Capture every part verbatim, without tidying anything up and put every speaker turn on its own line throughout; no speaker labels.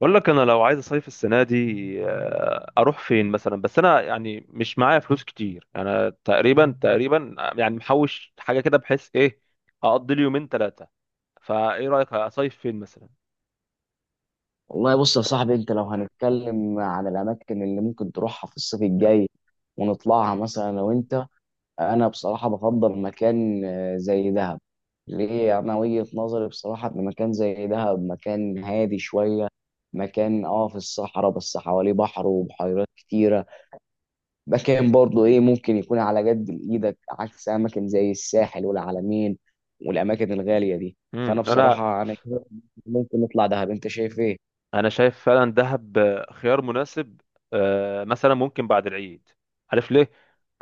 بقول لك انا لو عايز اصيف السنه دي، آه، اروح فين مثلا؟ بس انا يعني مش معايا فلوس كتير، انا تقريبا تقريبا يعني محوش حاجه كده، بحيث ايه اقضي لي يومين ثلاثه. فايه رايك اصيف فين مثلا؟
والله بص يا صاحبي، انت لو هنتكلم عن الاماكن اللي ممكن تروحها في الصيف الجاي ونطلعها مثلا. لو انت انا بصراحه بفضل مكان آه، زي دهب. ليه؟ انا وجهه نظري بصراحه ان مكان زي دهب مكان هادي شويه، مكان اه في الصحراء بس حواليه بحر وبحيرات كتيره، مكان برضه ايه ممكن يكون على قد ايدك، عكس اماكن زي الساحل والعلمين والاماكن الغاليه دي.
امم
فانا
انا
بصراحه انا شايف ممكن نطلع دهب. انت شايف ايه؟
انا شايف فعلا دهب آه، خيار مناسب. آه، مثلا ممكن بعد العيد. عارف ليه؟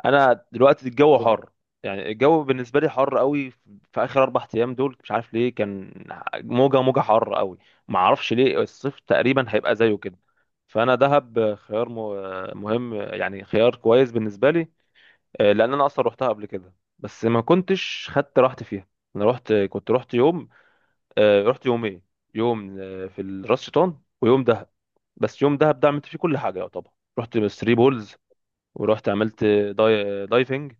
انا دلوقتي الجو حر، يعني الجو بالنسبه لي حر قوي. في اخر اربع ايام دول مش عارف ليه كان موجه موجه حر قوي. ما اعرفش ليه، الصيف تقريبا هيبقى زيه كده. فانا دهب آه، خيار م- آه، مهم، آه، يعني خيار كويس بالنسبه لي. آه، لان انا اصلا روحتها قبل كده، بس ما كنتش خدت راحتي فيها. انا رحت كنت رحت يوم. آه، رحت يومين. يوم آه، في راس شيطان، ويوم دهب. بس يوم دهب ده عملت فيه كل حاجه يعتبر. رحت ثري بولز. ورحت عملت داي... دايفنج.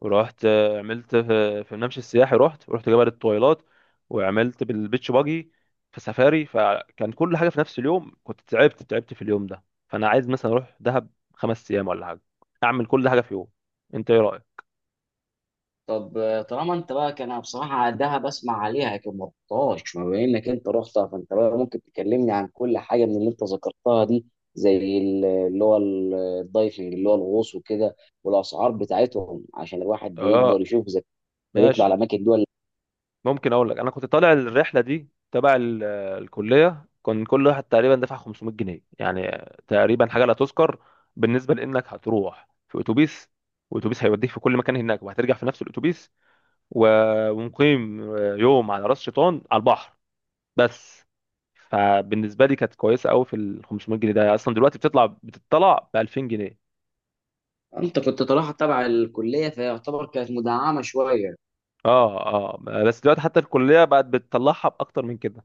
ورحت آه، عملت في, في الممشى السياحي، رحت ورحت جبل الطويلات. وعملت بالبيتش باجي في سفاري، فكان كل حاجه في نفس اليوم، كنت تعبت تعبت في اليوم ده. فانا عايز مثلا اروح دهب خمس ايام ولا حاجه، اعمل كل حاجه في يوم. انت ايه رايك؟
طب، آه، طالما انت بقى كان. أنا بصراحه ده بسمع عليها لكن ما رحتهاش، ما بما انك انت رحتها فانت بقى ممكن تكلمني عن كل حاجه من اللي انت ذكرتها دي، زي ال- اللي هو ال- الدايفنج اللي هو الغوص وكده، والاسعار بتاعتهم عشان الواحد يقدر
اه،
يشوف اذا كان يطلع على
ماشي.
اماكن دول.
ممكن اقول لك انا كنت طالع الرحله دي تبع ال- الكليه. كان كل واحد تقريبا دفع خمسمية جنيه، يعني تقريبا حاجه لا تذكر. بالنسبه لانك هتروح في اتوبيس، واتوبيس هيوديك في كل مكان هناك، وهترجع في نفس الاتوبيس. و- ومقيم يوم على راس شيطان على البحر، بس. فبالنسبه لي كانت كويسه قوي في ال خمسمائة جنيه ده، اصلا دلوقتي بتطلع بتطلع ب ألفين جنيه.
انت كنت طالعها تبع الكليه فيعتبر كانت مدعمه شويه.
اه، اه. بس دلوقتي حتى الكليه بقت بتطلعها باكتر من كده.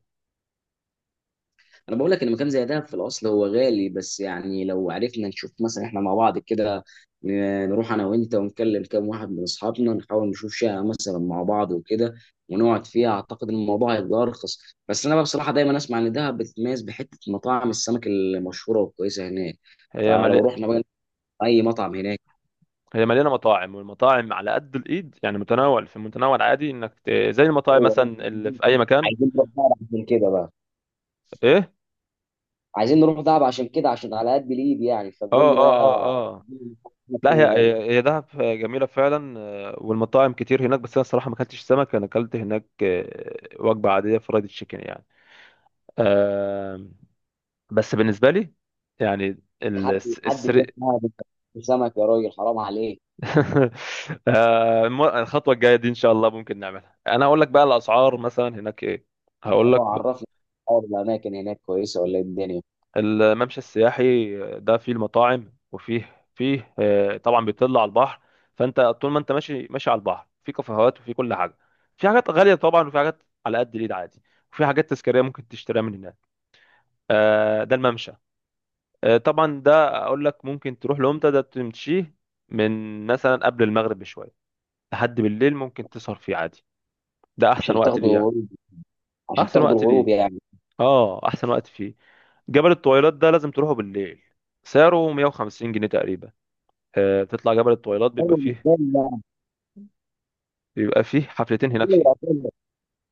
انا بقول لك ان مكان زي دهب في الاصل هو غالي، بس يعني لو عرفنا نشوف مثلا احنا مع بعض كده ن- نروح انا وانت ونكلم كام واحد من اصحابنا، نحاول نشوف شقه مثلا مع بعض وكده ونقعد فيها، اعتقد ان الموضوع هيبقى ارخص. بس انا بقى بصراحه دايما اسمع ان دهب بتتميز بحته مطاعم السمك المشهوره والكويسه هناك.
هي
فلو
ملي...
رحنا بقى اي مطعم هناك.
هي مليانه مطاعم، والمطاعم على قد الايد يعني متنوع في متنوع، العادي انك ت... زي المطاعم
هو
مثلا اللي في اي مكان.
عايزين نروح دهب عشان كده بقى،
ايه.
عايزين نروح دهب عشان كده عشان على قد الايد يعني. فقول
اه،
لي
اه،
بقى.
اه، اه. لا، هي
فين هناك؟
هي هي دهب جميله فعلا، آه، والمطاعم كتير هناك. بس انا الصراحه ما اكلتش سمك، انا اكلت هناك آه، وجبه عاديه فرايد تشيكن يعني. آه، بس بالنسبه لي يعني ال-
حد
الس-
حد
السري.
يروح معاها بس- سمك يا راجل، حرام عليك.
آه، الم- الخطوه الجايه دي ان شاء الله ممكن نعملها. انا هقول لك بقى الاسعار مثلا هناك ايه، هقول
انا
لك.
عرفني، اقعد الاماكن هناك كويسه ولا إيه الدنيا؟
الممشى السياحي ده فيه المطاعم، وفيه فيه آه، طبعا بيطل على البحر. فانت طول ما انت ماشي ماشي على البحر في كافيهات وفي كل حاجه. في حاجات غاليه طبعا، وفي حاجات على قد الايد عادي. وفي حاجات تذكاريه ممكن تشتريها من هناك. آه، ده الممشى. آه، طبعا ده اقول لك ممكن تروح لامتى، ده تمشيه. من مثلا قبل المغرب بشويه لحد بالليل، ممكن تسهر فيه عادي. ده احسن
عشان
وقت
تاخدوا
ليه، يعني
الغروب، عشان
احسن
تاخدوا
وقت
الغروب
ليه،
يعني.
اه احسن وقت فيه. جبل الطويلات ده لازم تروحه بالليل، سعره مية وخمسين جنيه تقريبا. آه، تطلع جبل الطويلات بيبقى
ايوه، مش
فيه
غالي، لا.
بيبقى فيه حفلتين هناك
غالي
فيه.
يعتبر.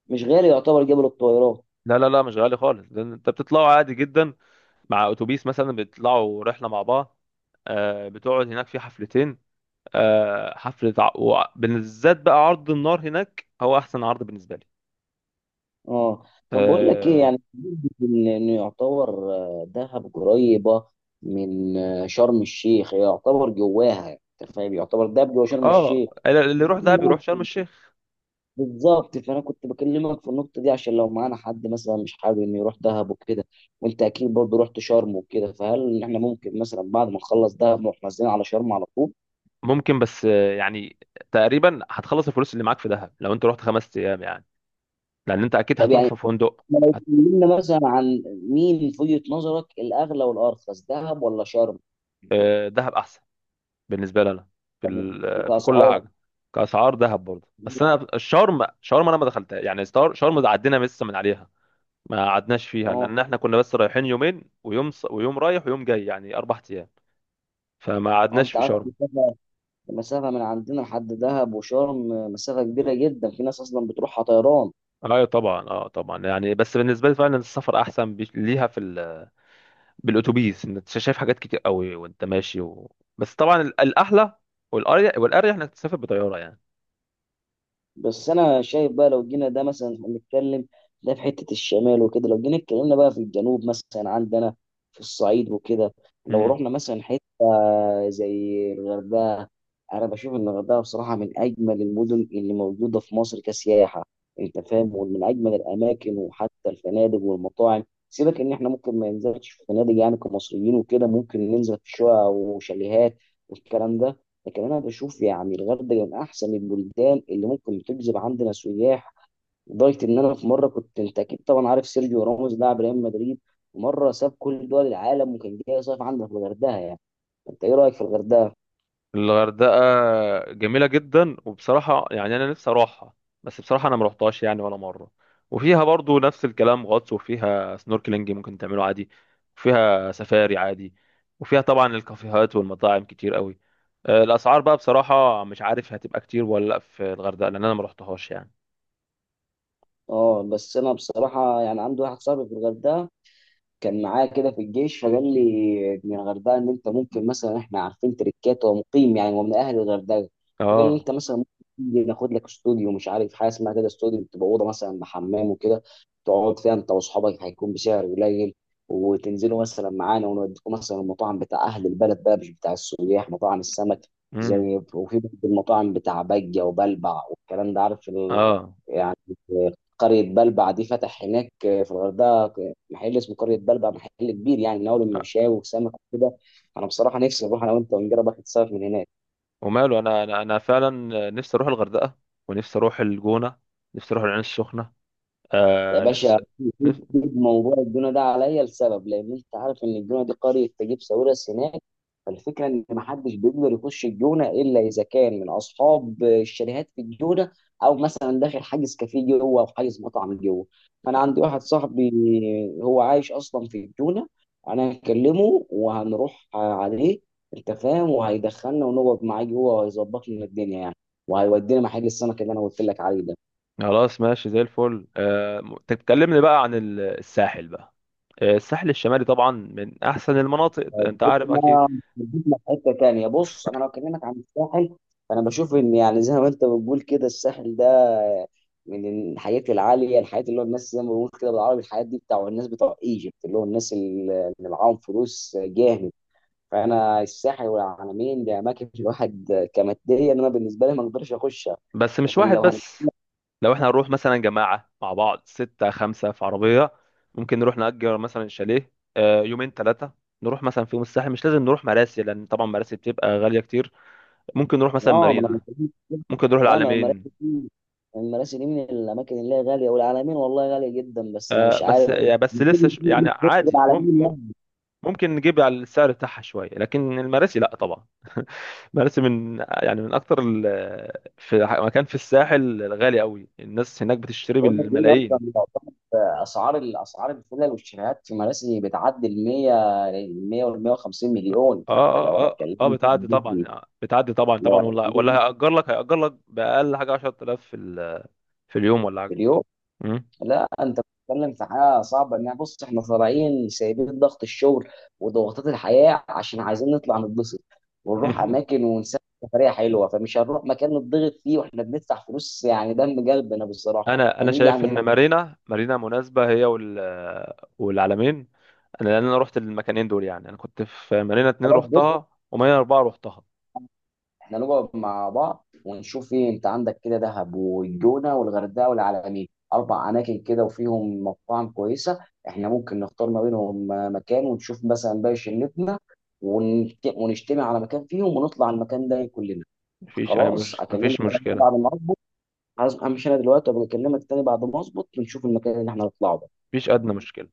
مش غالي يعتبر جبل الطويلات.
لا، لا، لا، مش غالي خالص، ده انت بتطلعوا عادي جدا. مع اتوبيس مثلا بتطلعوا رحله مع بعض. آه، بتقعد هناك في حفلتين. آه، حفله ع- وع- بالذات بقى عرض النار هناك هو احسن عرض بالنسبه لي.
اه. طب بقول لك ايه
اه.
يعني، ان إن يعتبر آه، دهب قريبه من آه، شرم الشيخ، هي يعتبر جواها يعني، انت فاهم، يعتبر دهب جوا شرم
آه،
الشيخ.
اللي يروح دهب يروح شرم الشيخ.
بالظبط. فانا كنت بكلمك في النقطه دي عشان لو معانا حد مثلا مش حابب انه يروح دهب وكده، وانت اكيد برضه رحت شرم وكده، فهل احنا ممكن مثلا بعد ما نخلص دهب نروح نازلين على شرم على طول؟
ممكن، بس آه، يعني تقريبا هتخلص الفلوس اللي معاك في دهب لو انت رحت خمس ايام يعني. لان انت اكيد
طب
هتروح
يعني
في فندق.
احنا لو
هت-
اتكلمنا مثلا عن مين في وجهه نظرك الاغلى والارخص، دهب ولا شرم،
دهب احسن بالنسبه لي انا في ال- في كل
وكاسعار؟
حاجه. كاسعار دهب برضه. بس انا الشرم شرم انا ما دخلتها يعني، ستار- شرم ده عدينا لسه من عليها. ما قعدناش فيها
اه،
لان احنا كنا بس رايحين يومين، ويوم ص- ويوم رايح ويوم جاي يعني اربع ايام. فما
اه،
قعدناش
انت
في
عارف
شرم.
المسافه المسافة من عندنا لحد دهب وشرم مسافه كبيره جدا، في ناس اصلا بتروحها طيران.
ايوه طبعا، اه طبعا، يعني بس بالنسبه لي فعلا السفر احسن بي- ليها في ال... بالاتوبيس انت شايف حاجات كتير قوي، وانت ماشي و... بس طبعا ال- الاحلى والاريح والاريح انك تسافر بطياره.
بس انا شايف بقى لو جينا ده مثلا هنتكلم، ده في حته الشمال وكده، لو جينا اتكلمنا بقى في الجنوب مثلا عندنا في الصعيد وكده، لو
يعني،
رحنا مثلا حته زي الغردقه. انا بشوف ان الغردقه بصراحه من اجمل المدن اللي موجوده في مصر كسياحه، انت فاهم، ومن اجمل الاماكن، وحتى الفنادق والمطاعم. سيبك ان احنا ممكن ما ننزلش في فنادق يعني، كمصريين وكده ممكن ننزل في شقق وشاليهات والكلام ده. لكن انا بشوف يعني الغردقه من احسن البلدان اللي ممكن تجذب عندنا سياح، لدرجه ان انا في مره كنت، انت اكيد طبعا عارف سيرجيو راموس لاعب ريال مدريد، مره ساب كل دول العالم وكان جاي يصيف عندنا في الغردقه يعني. انت ايه رايك في الغردقه؟
الغردقة جميلة جدا، وبصراحة يعني أنا نفسي أروحها. بس بصراحة أنا مروحتهاش يعني ولا مرة. وفيها برضو نفس الكلام غطس، وفيها سنوركلينج ممكن تعمله عادي. وفيها سفاري عادي، وفيها طبعا الكافيهات والمطاعم كتير قوي. آه، الأسعار بقى بصراحة مش عارف هتبقى كتير ولا لأ في الغردقة، لأن أنا مروحتهاش يعني.
اه، بس انا بصراحه يعني عندي واحد صاحبي في الغردقه، كان معايا كده في الجيش، فقال لي من الغردقه ان انت ممكن مثلا، احنا عارفين تريكات ومقيم يعني، ومن اهل الغردقه، فقال لي
اه،
انت مثلا ممكن تيجي ناخد لك استوديو، مش عارف حاجه اسمها كده استوديو، بتبقى اوضه مثلا بحمام وكده، تقعد فيها انت واصحابك، هيكون بسعر قليل، وتنزلوا مثلا معانا ونوديكم مثلا المطاعم بتاع اهل البلد بقى مش بتاع السياح، مطاعم السمك.
امم
زي وفي برضه المطاعم بتاع بجه وبلبع والكلام ده، عارف ال...
اه،
يعني، قرية بلبع دي فتح هناك في الغردقة محل اسمه قرية بلبع، محل كبير يعني، من أول المشاوي وسمك وكده. أنا بصراحة نفسي أروح أنا وأنت ونجرب آخد سمك من هناك.
وماله أنا، أنا أنا فعلا نفسي أروح الغردقة. ونفسي أروح الجونة، نفسي أروح العين السخنة،
يا
آه نفسي.
باشا، سيب موضوع الجونه ده عليا، لسبب، لان انت عارف ان الجونه دي قريه تجيب ساويرس هناك، فالفكره ان محدش بيقدر يخش الجونه الا اذا كان من اصحاب الشاليهات في الجونه، او مثلا داخل حاجز كافيه جوه او حاجز مطعم جوه. فانا عندي واحد صاحبي هو عايش اصلا في الجونه، انا هكلمه وهنروح عليه، انت فاهم، وهيدخلنا ونقعد معاه جوه وهيظبط لنا الدنيا يعني، وهيودينا محل السمك اللي انا قلت لك عليه ده.
خلاص، ماشي زي الفل. آه، م- طب كلمني بقى عن ال- الساحل بقى. آه، الساحل الشمالي طبعا من احسن المناطق، انت عارف اكيد.
جبنا جبنا في حته تانيه. بص، انا لو اكلمك عن الساحل، فانا بشوف ان يعني زي ما انت بتقول كده، الساحل ده من الحياه العاليه، الحياه اللي هو الناس زي ما بنقول كده بالعربي، الحياه دي بتاع الناس بتوع ايجيبت، اللي هو الناس اللي اللي معاهم فلوس جامد. فانا الساحل والعلمين دي اماكن الواحد كماديا، انا بالنسبه لي ما اقدرش اخشها.
بس مش
لكن
واحد
لو
بس. لو احنا هنروح مثلا جماعة مع بعض، ستة خمسة في عربية. ممكن نروح نأجر مثلا شاليه آه، يومين ثلاثة. نروح مثلا في يوم الساحل، مش لازم نروح مراسي، لأن طبعا مراسي بتبقى غالية كتير. ممكن نروح مثلا
اه ما انا
مارينا،
بكلمك كده.
ممكن نروح
لا، ما
العلمين.
المراسي دي المراسي دي من الاماكن اللي هي غاليه، والعلمين والله غاليه جدا، بس انا
آه،
مش
بس
عارف،
يعني، بس
المفروض
لسه ش-
مش
يعني
نيجي في وسط
عادي.
العلمين يعني.
ممكن نجيب على السعر بتاعها شويه، لكن المراسي لا طبعا. مراسي من يعني من اكتر ال- في ح- مكان في الساحل غالي قوي، الناس هناك بتشتري
بقول لك ايه، اصلا
بالملايين.
يعتبر اسعار الاسعار الفلل والشاليهات في مراسي بتعدي ال مية، ال مية وال مية وخمسين
اه،
مليون. فانت لو
اه، اه، اه،
هتكلمني
بتعدي
في-
طبعا بتعدي طبعا
لو
طبعا، ولا ولا
هتكلمني
هيأجر لك هيأجر لك بأقل حاجه عشرة آلاف في ال- في اليوم ولا
في
حاجه.
مليون.
مم.
لا، انت بتتكلم في حاجه صعبه، انها بص، احنا طالعين سايبين ضغط الشغل وضغوطات الحياه عشان عايزين نطلع نتبسط، ونروح اماكن ونسافر سفريه حلوه، فمش هنروح مكان نتضغط فيه واحنا بندفع فلوس يعني دم قلبنا بصراحه.
انا انا
هنرجع
شايف
من
ان
هناك.
مارينا مارينا مناسبه، هي وال والعلمين. انا لان انا رحت المكانين دول يعني، انا كنت في مارينا اتنين
خلاص،
رحتها، ومارينا اربعه رحتها.
احنا نقعد مع بعض ونشوف ايه، انت عندك كده دهب والجونه والغردقه والعلمين، اربع اماكن كده وفيهم مطاعم كويسه. احنا ممكن نختار ما بينهم آه، مكان، ونشوف مثلا باقي شلتنا، ونت- ونجتمع على مكان فيهم ونطلع المكان ده كلنا.
مفيش أي
خلاص
مش...
اكلمك
مفيش مشكلة.
بعد ما اظبط. عايز- امشي انا دلوقتي، وابقى اكلمك تاني بعد ما اظبط ونشوف المكان اللي احنا هنطلعه ده.
مفيش أدنى مشكلة.